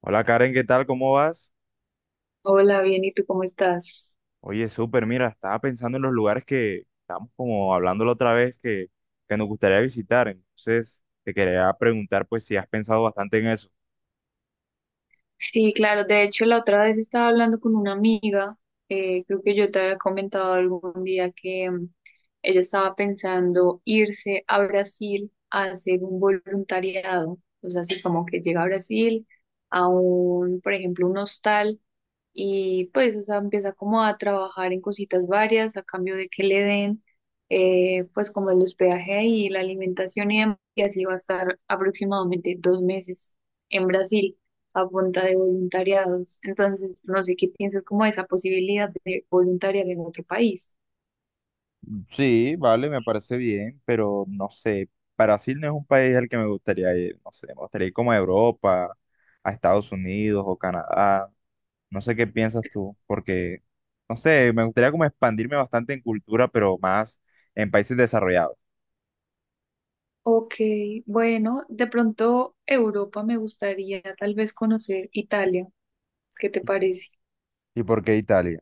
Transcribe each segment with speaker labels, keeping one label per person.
Speaker 1: Hola Karen, ¿qué tal? ¿Cómo vas?
Speaker 2: Hola, bien, ¿y tú cómo estás?
Speaker 1: Oye, súper, mira, estaba pensando en los lugares que estamos como hablando la otra vez que nos gustaría visitar. Entonces, te quería preguntar pues si has pensado bastante en eso.
Speaker 2: Sí, claro, de hecho la otra vez estaba hablando con una amiga, creo que yo te había comentado algún día que ella estaba pensando irse a Brasil a hacer un voluntariado, o sea, así como que llega a Brasil a un, por ejemplo, un hostal y pues, o sea, empieza como a trabajar en cositas varias a cambio de que le den, pues, como el hospedaje y la alimentación y demás, y así va a estar aproximadamente dos meses en Brasil a punta de voluntariados. Entonces, no sé qué piensas como de esa posibilidad de voluntariar en otro país.
Speaker 1: Sí, vale, me parece bien, pero no sé, Brasil no es un país al que me gustaría ir, no sé, me gustaría ir como a Europa, a Estados Unidos o Canadá, no sé qué piensas tú, no sé, me gustaría como expandirme bastante en cultura, pero más en países desarrollados.
Speaker 2: Ok, bueno, de pronto Europa me gustaría tal vez conocer Italia. ¿Qué te
Speaker 1: Ita-
Speaker 2: parece?
Speaker 1: ¿Y por qué Italia?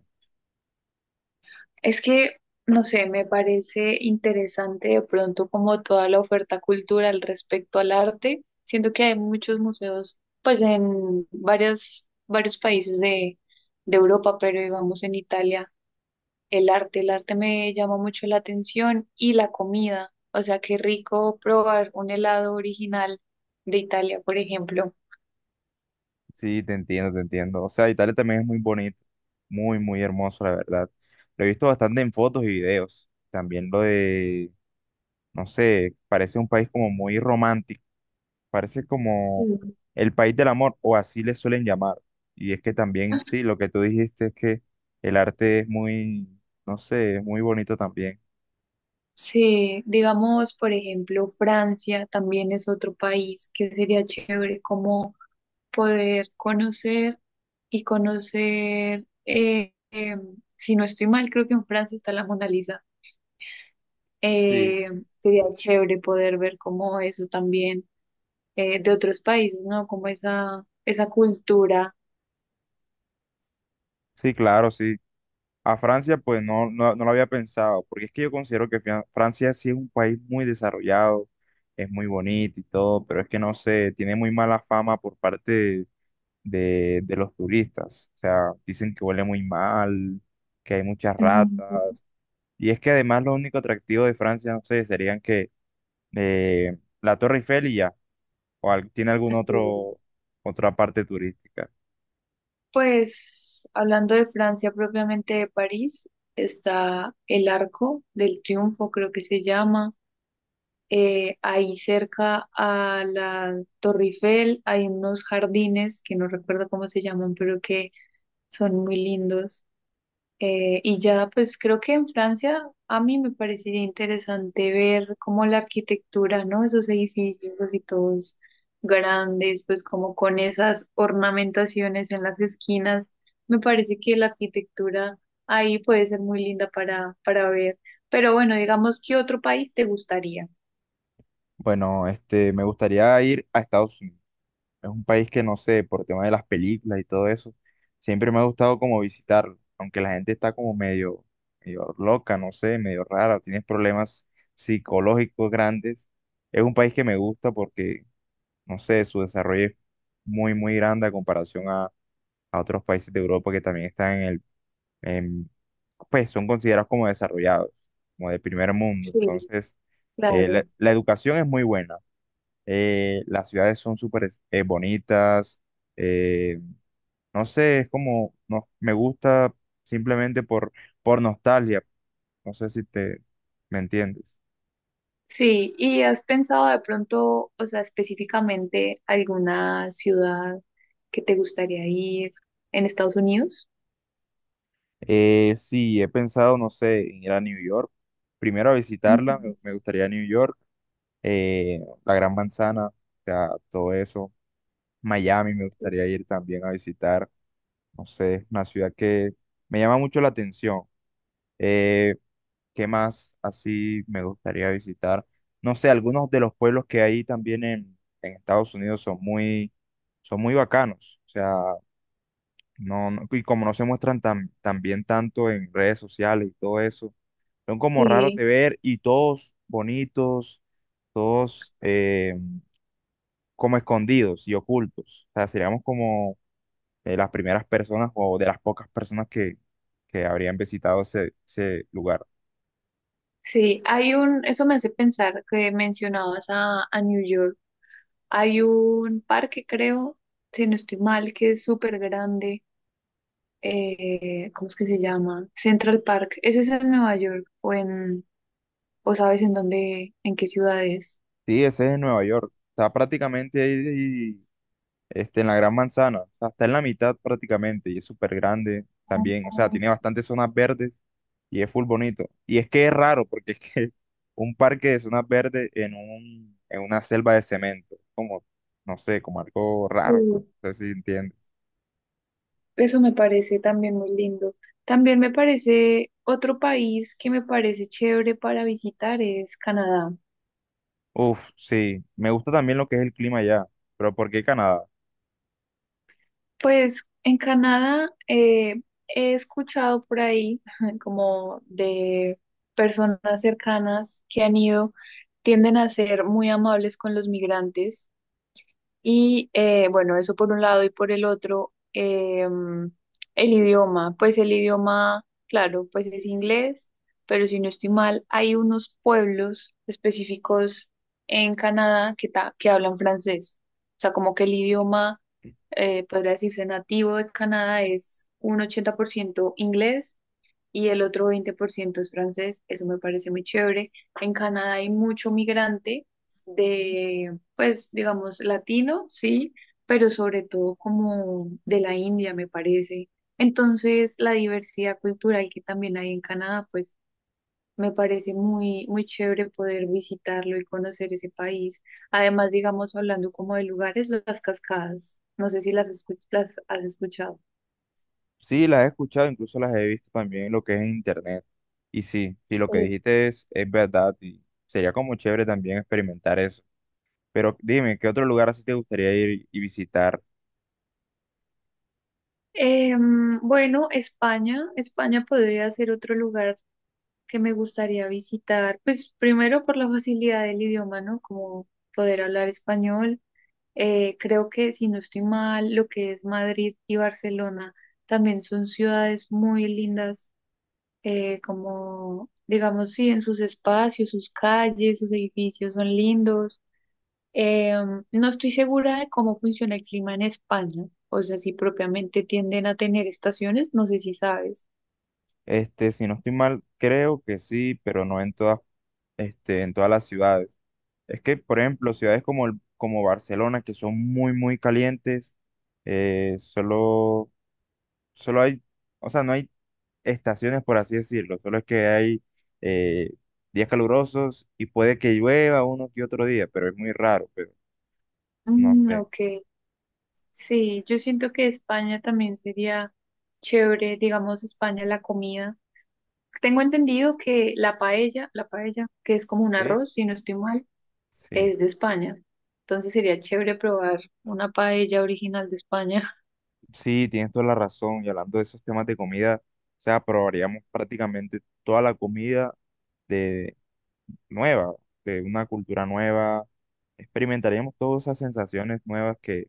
Speaker 2: Es que, no sé, me parece interesante de pronto como toda la oferta cultural respecto al arte. Siento que hay muchos museos, pues en varios países de Europa, pero digamos en Italia, el arte me llama mucho la atención y la comida. O sea, qué rico probar un helado original de Italia, por ejemplo.
Speaker 1: Sí, te entiendo, te entiendo. O sea, Italia también es muy bonito, muy, muy hermoso, la verdad. Lo he visto bastante en fotos y videos. También no sé, parece un país como muy romántico, parece
Speaker 2: Sí.
Speaker 1: como el país del amor, o así le suelen llamar. Y es que también, sí, lo que tú dijiste es que el arte es muy, no sé, es muy bonito también.
Speaker 2: Sí, digamos, por ejemplo, Francia también es otro país que sería chévere como poder conocer y conocer, si no estoy mal, creo que en Francia está la Mona Lisa.
Speaker 1: Sí.
Speaker 2: Eh, sería chévere poder ver como eso también de otros países, ¿no? Como esa cultura.
Speaker 1: Sí, claro, sí. A Francia, pues no, no, no lo había pensado, porque es que yo considero que Francia sí es un país muy desarrollado, es muy bonito y todo, pero es que no sé, tiene muy mala fama por parte de los turistas. O sea, dicen que huele muy mal, que hay muchas
Speaker 2: Ujú.
Speaker 1: ratas. Y es que además lo único atractivo de Francia, no sé, serían que eh, la Torre Eiffel y ya, o tiene algún
Speaker 2: Así es.
Speaker 1: otro, otra parte turística.
Speaker 2: Pues hablando de Francia, propiamente de París, está el Arco del Triunfo, creo que se llama. Ahí cerca a la Torre Eiffel hay unos jardines que no recuerdo cómo se llaman, pero que son muy lindos. Y ya, pues creo que en Francia a mí me parecería interesante ver como la arquitectura, ¿no? Esos edificios así todos grandes, pues como con esas ornamentaciones en las esquinas. Me parece que la arquitectura ahí puede ser muy linda para ver. Pero bueno, digamos, ¿qué otro país te gustaría?
Speaker 1: Bueno, me gustaría ir a Estados Unidos. Es un país que no sé, por tema de las películas y todo eso, siempre me ha gustado como visitarlo, aunque la gente está como medio, medio loca, no sé, medio rara, tienes problemas psicológicos grandes. Es un país que me gusta porque, no sé, su desarrollo es muy, muy grande a comparación a otros países de Europa que también están en el, en- pues son considerados como desarrollados, como de primer mundo.
Speaker 2: Sí.
Speaker 1: Entonces, eh, la
Speaker 2: Claro,
Speaker 1: la educación es muy buena, las ciudades son súper bonitas, eh, no sé, es como, no, me gusta simplemente por nostalgia, no sé si te, ¿me entiendes?
Speaker 2: sí, ¿y has pensado de pronto, o sea, específicamente alguna ciudad que te gustaría ir en Estados Unidos?
Speaker 1: Sí, he pensado, no sé, en ir a New York, primero a visitarla,
Speaker 2: Ujú,
Speaker 1: me gustaría New York, eh, la Gran Manzana, o sea, todo eso, Miami me
Speaker 2: sí.
Speaker 1: gustaría ir también a visitar, no sé, es una ciudad que me llama mucho la atención. Eh, ¿Qué más así me gustaría visitar? No sé, algunos de los pueblos que hay también en Estados Unidos son muy bacanos. O sea, no, y como no se muestran tan, tan bien tanto en redes sociales y todo eso, son como raros
Speaker 2: Sí,
Speaker 1: de ver y todos bonitos, todos como escondidos y ocultos. O sea, seríamos como de las primeras personas o de las pocas personas que habrían visitado ese, ese lugar.
Speaker 2: sí, hay un, eso me hace pensar que mencionabas a New York, hay un parque, creo, si no estoy mal, que es súper grande, ¿cómo es que se llama? Central Park, ¿ese es en Nueva York o sabes en dónde, en qué ciudad es?
Speaker 1: Sí, ese es en Nueva York. Está prácticamente ahí, en la Gran Manzana. O sea, está en la mitad prácticamente y es súper grande también. O sea, tiene
Speaker 2: Ah,
Speaker 1: bastantes zonas verdes y es full bonito. Y es que es raro porque es que un parque de zonas verdes en un, en una selva de cemento. Como, no sé, como algo raro.
Speaker 2: sí.
Speaker 1: No sé si entiendes.
Speaker 2: Eso me parece también muy lindo. También me parece otro país que me parece chévere para visitar es Canadá.
Speaker 1: Uf, sí. Me gusta también lo que es el clima allá. Pero ¿por qué Canadá?
Speaker 2: Pues en Canadá he escuchado por ahí como de personas cercanas que han ido, tienden a ser muy amables con los migrantes. Y bueno, eso por un lado y por el otro, em, el idioma, pues el idioma, claro, pues es inglés, pero si no estoy mal, hay unos pueblos específicos en Canadá que hablan francés. O sea, como que el idioma, podría decirse nativo de Canadá es un 80% inglés y el otro 20% es francés. Eso me parece muy chévere. En Canadá hay mucho migrante pues digamos latino, sí, pero sobre todo como de la India, me parece. Entonces, la diversidad cultural que también hay en Canadá, pues me parece muy chévere poder visitarlo y conocer ese país. Además, digamos, hablando como de lugares, las cascadas, no sé si las has escuchado.
Speaker 1: Sí, las he escuchado, incluso las he visto también en lo que es en internet. Y sí, y lo que
Speaker 2: Eh,
Speaker 1: dijiste es verdad y sería como chévere también experimentar eso. Pero dime, ¿qué otro lugar así te gustaría ir y visitar?
Speaker 2: Bueno, España, España podría ser otro lugar que me gustaría visitar, pues primero por la facilidad del idioma, ¿no? Como poder hablar español. Creo que si no estoy mal, lo que es Madrid y Barcelona también son ciudades muy lindas, como digamos, sí, en sus espacios, sus calles, sus edificios son lindos. Eh, no estoy segura de cómo funciona el clima en España, o sea, si propiamente tienden a tener estaciones, no sé si sabes.
Speaker 1: Si no estoy mal, creo que sí, pero no en todas, en todas las ciudades. Es que, por ejemplo, ciudades como, el- como Barcelona, que son muy, muy calientes, solo, solo hay, o sea, no hay estaciones, por así decirlo. Solo es que hay eh, días calurosos y puede que llueva uno que otro día, pero es muy raro, pero no
Speaker 2: Mm,
Speaker 1: sé.
Speaker 2: ok. Sí, yo siento que España también sería chévere, digamos, España la comida. Tengo entendido que la paella, que es como un
Speaker 1: Sí,
Speaker 2: arroz, si no estoy mal,
Speaker 1: sí,
Speaker 2: es de España. Entonces sería chévere probar una paella original de España.
Speaker 1: sí, tienes toda la razón. Y hablando de esos temas de comida, o sea, probaríamos prácticamente toda la comida de nueva, de una cultura nueva. Experimentaríamos todas esas sensaciones nuevas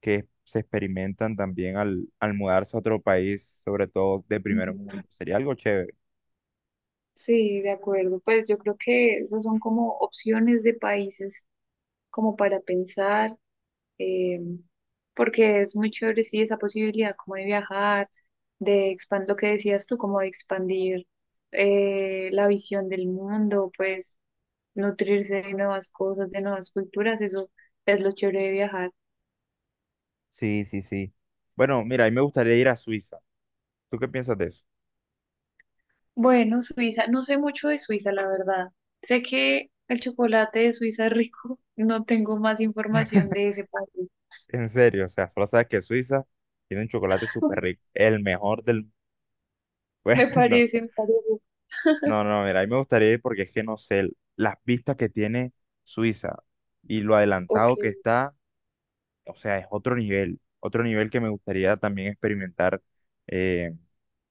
Speaker 1: que se experimentan también al, al mudarse a otro país, sobre todo de primer
Speaker 2: Ujú.
Speaker 1: mundo. Sería algo chévere.
Speaker 2: Sí, de acuerdo. Pues yo creo que esas son como opciones de países como para pensar. eh, Porque es muy chévere, sí, esa posibilidad como de viajar, de expandir lo que decías tú, como de expandir la visión del mundo, pues nutrirse de nuevas cosas, de nuevas culturas, eso es lo chévere de viajar.
Speaker 1: Sí, sí, sí. Bueno, mira, a mí me gustaría ir a Suiza. ¿Tú qué piensas de eso?
Speaker 2: Bueno, Suiza, no sé mucho de Suiza, la verdad. Sé que el chocolate de Suiza es rico, no tengo más información de ese país.
Speaker 1: En serio, o sea, solo sabes que Suiza tiene un chocolate súper rico, el mejor del... Bueno,
Speaker 2: Me
Speaker 1: no,
Speaker 2: parece, me parece.
Speaker 1: no, no, mira, a mí me gustaría ir porque es que no sé, las vistas que tiene Suiza y lo
Speaker 2: Ok.
Speaker 1: adelantado que está, o sea, es otro nivel que me gustaría también experimentar, eh,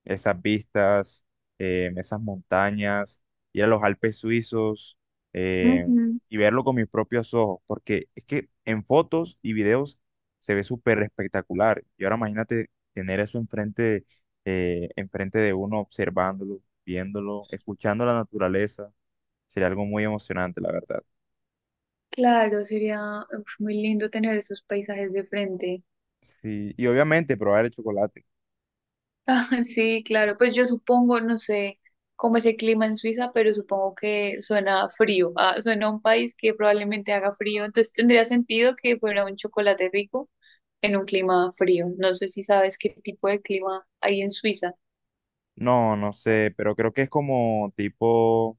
Speaker 1: esas vistas, esas montañas, ir a los Alpes suizos, eh,
Speaker 2: Ujú.
Speaker 1: y verlo con mis propios ojos, porque es que en fotos y videos se ve súper espectacular. Y ahora imagínate tener eso enfrente, enfrente de uno, observándolo, viéndolo, escuchando la naturaleza, sería algo muy emocionante, la verdad.
Speaker 2: Claro, sería uf, muy lindo tener esos paisajes de frente.
Speaker 1: Sí, y obviamente probar el chocolate.
Speaker 2: Ah, sí, claro, pues yo supongo, no sé cómo es el clima en Suiza, pero supongo que suena frío, ah, suena a un país que probablemente haga frío, entonces tendría sentido que fuera un chocolate rico en un clima frío. No sé si sabes qué tipo de clima hay en Suiza.
Speaker 1: No, no sé, pero creo que es como tipo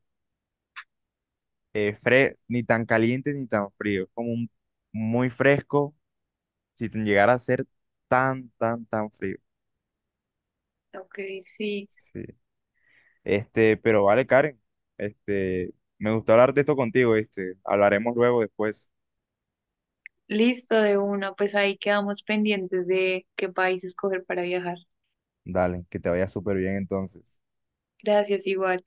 Speaker 1: ni tan caliente ni tan frío, es como un- muy fresco si te llegara a ser tan, tan, tan frío.
Speaker 2: Ok, sí,
Speaker 1: Sí. Pero vale, Karen, me gustó hablar de esto contigo, hablaremos luego después.
Speaker 2: listo de una, pues ahí quedamos pendientes de qué país escoger para viajar.
Speaker 1: Dale, que te vaya súper bien entonces.
Speaker 2: Gracias, igual.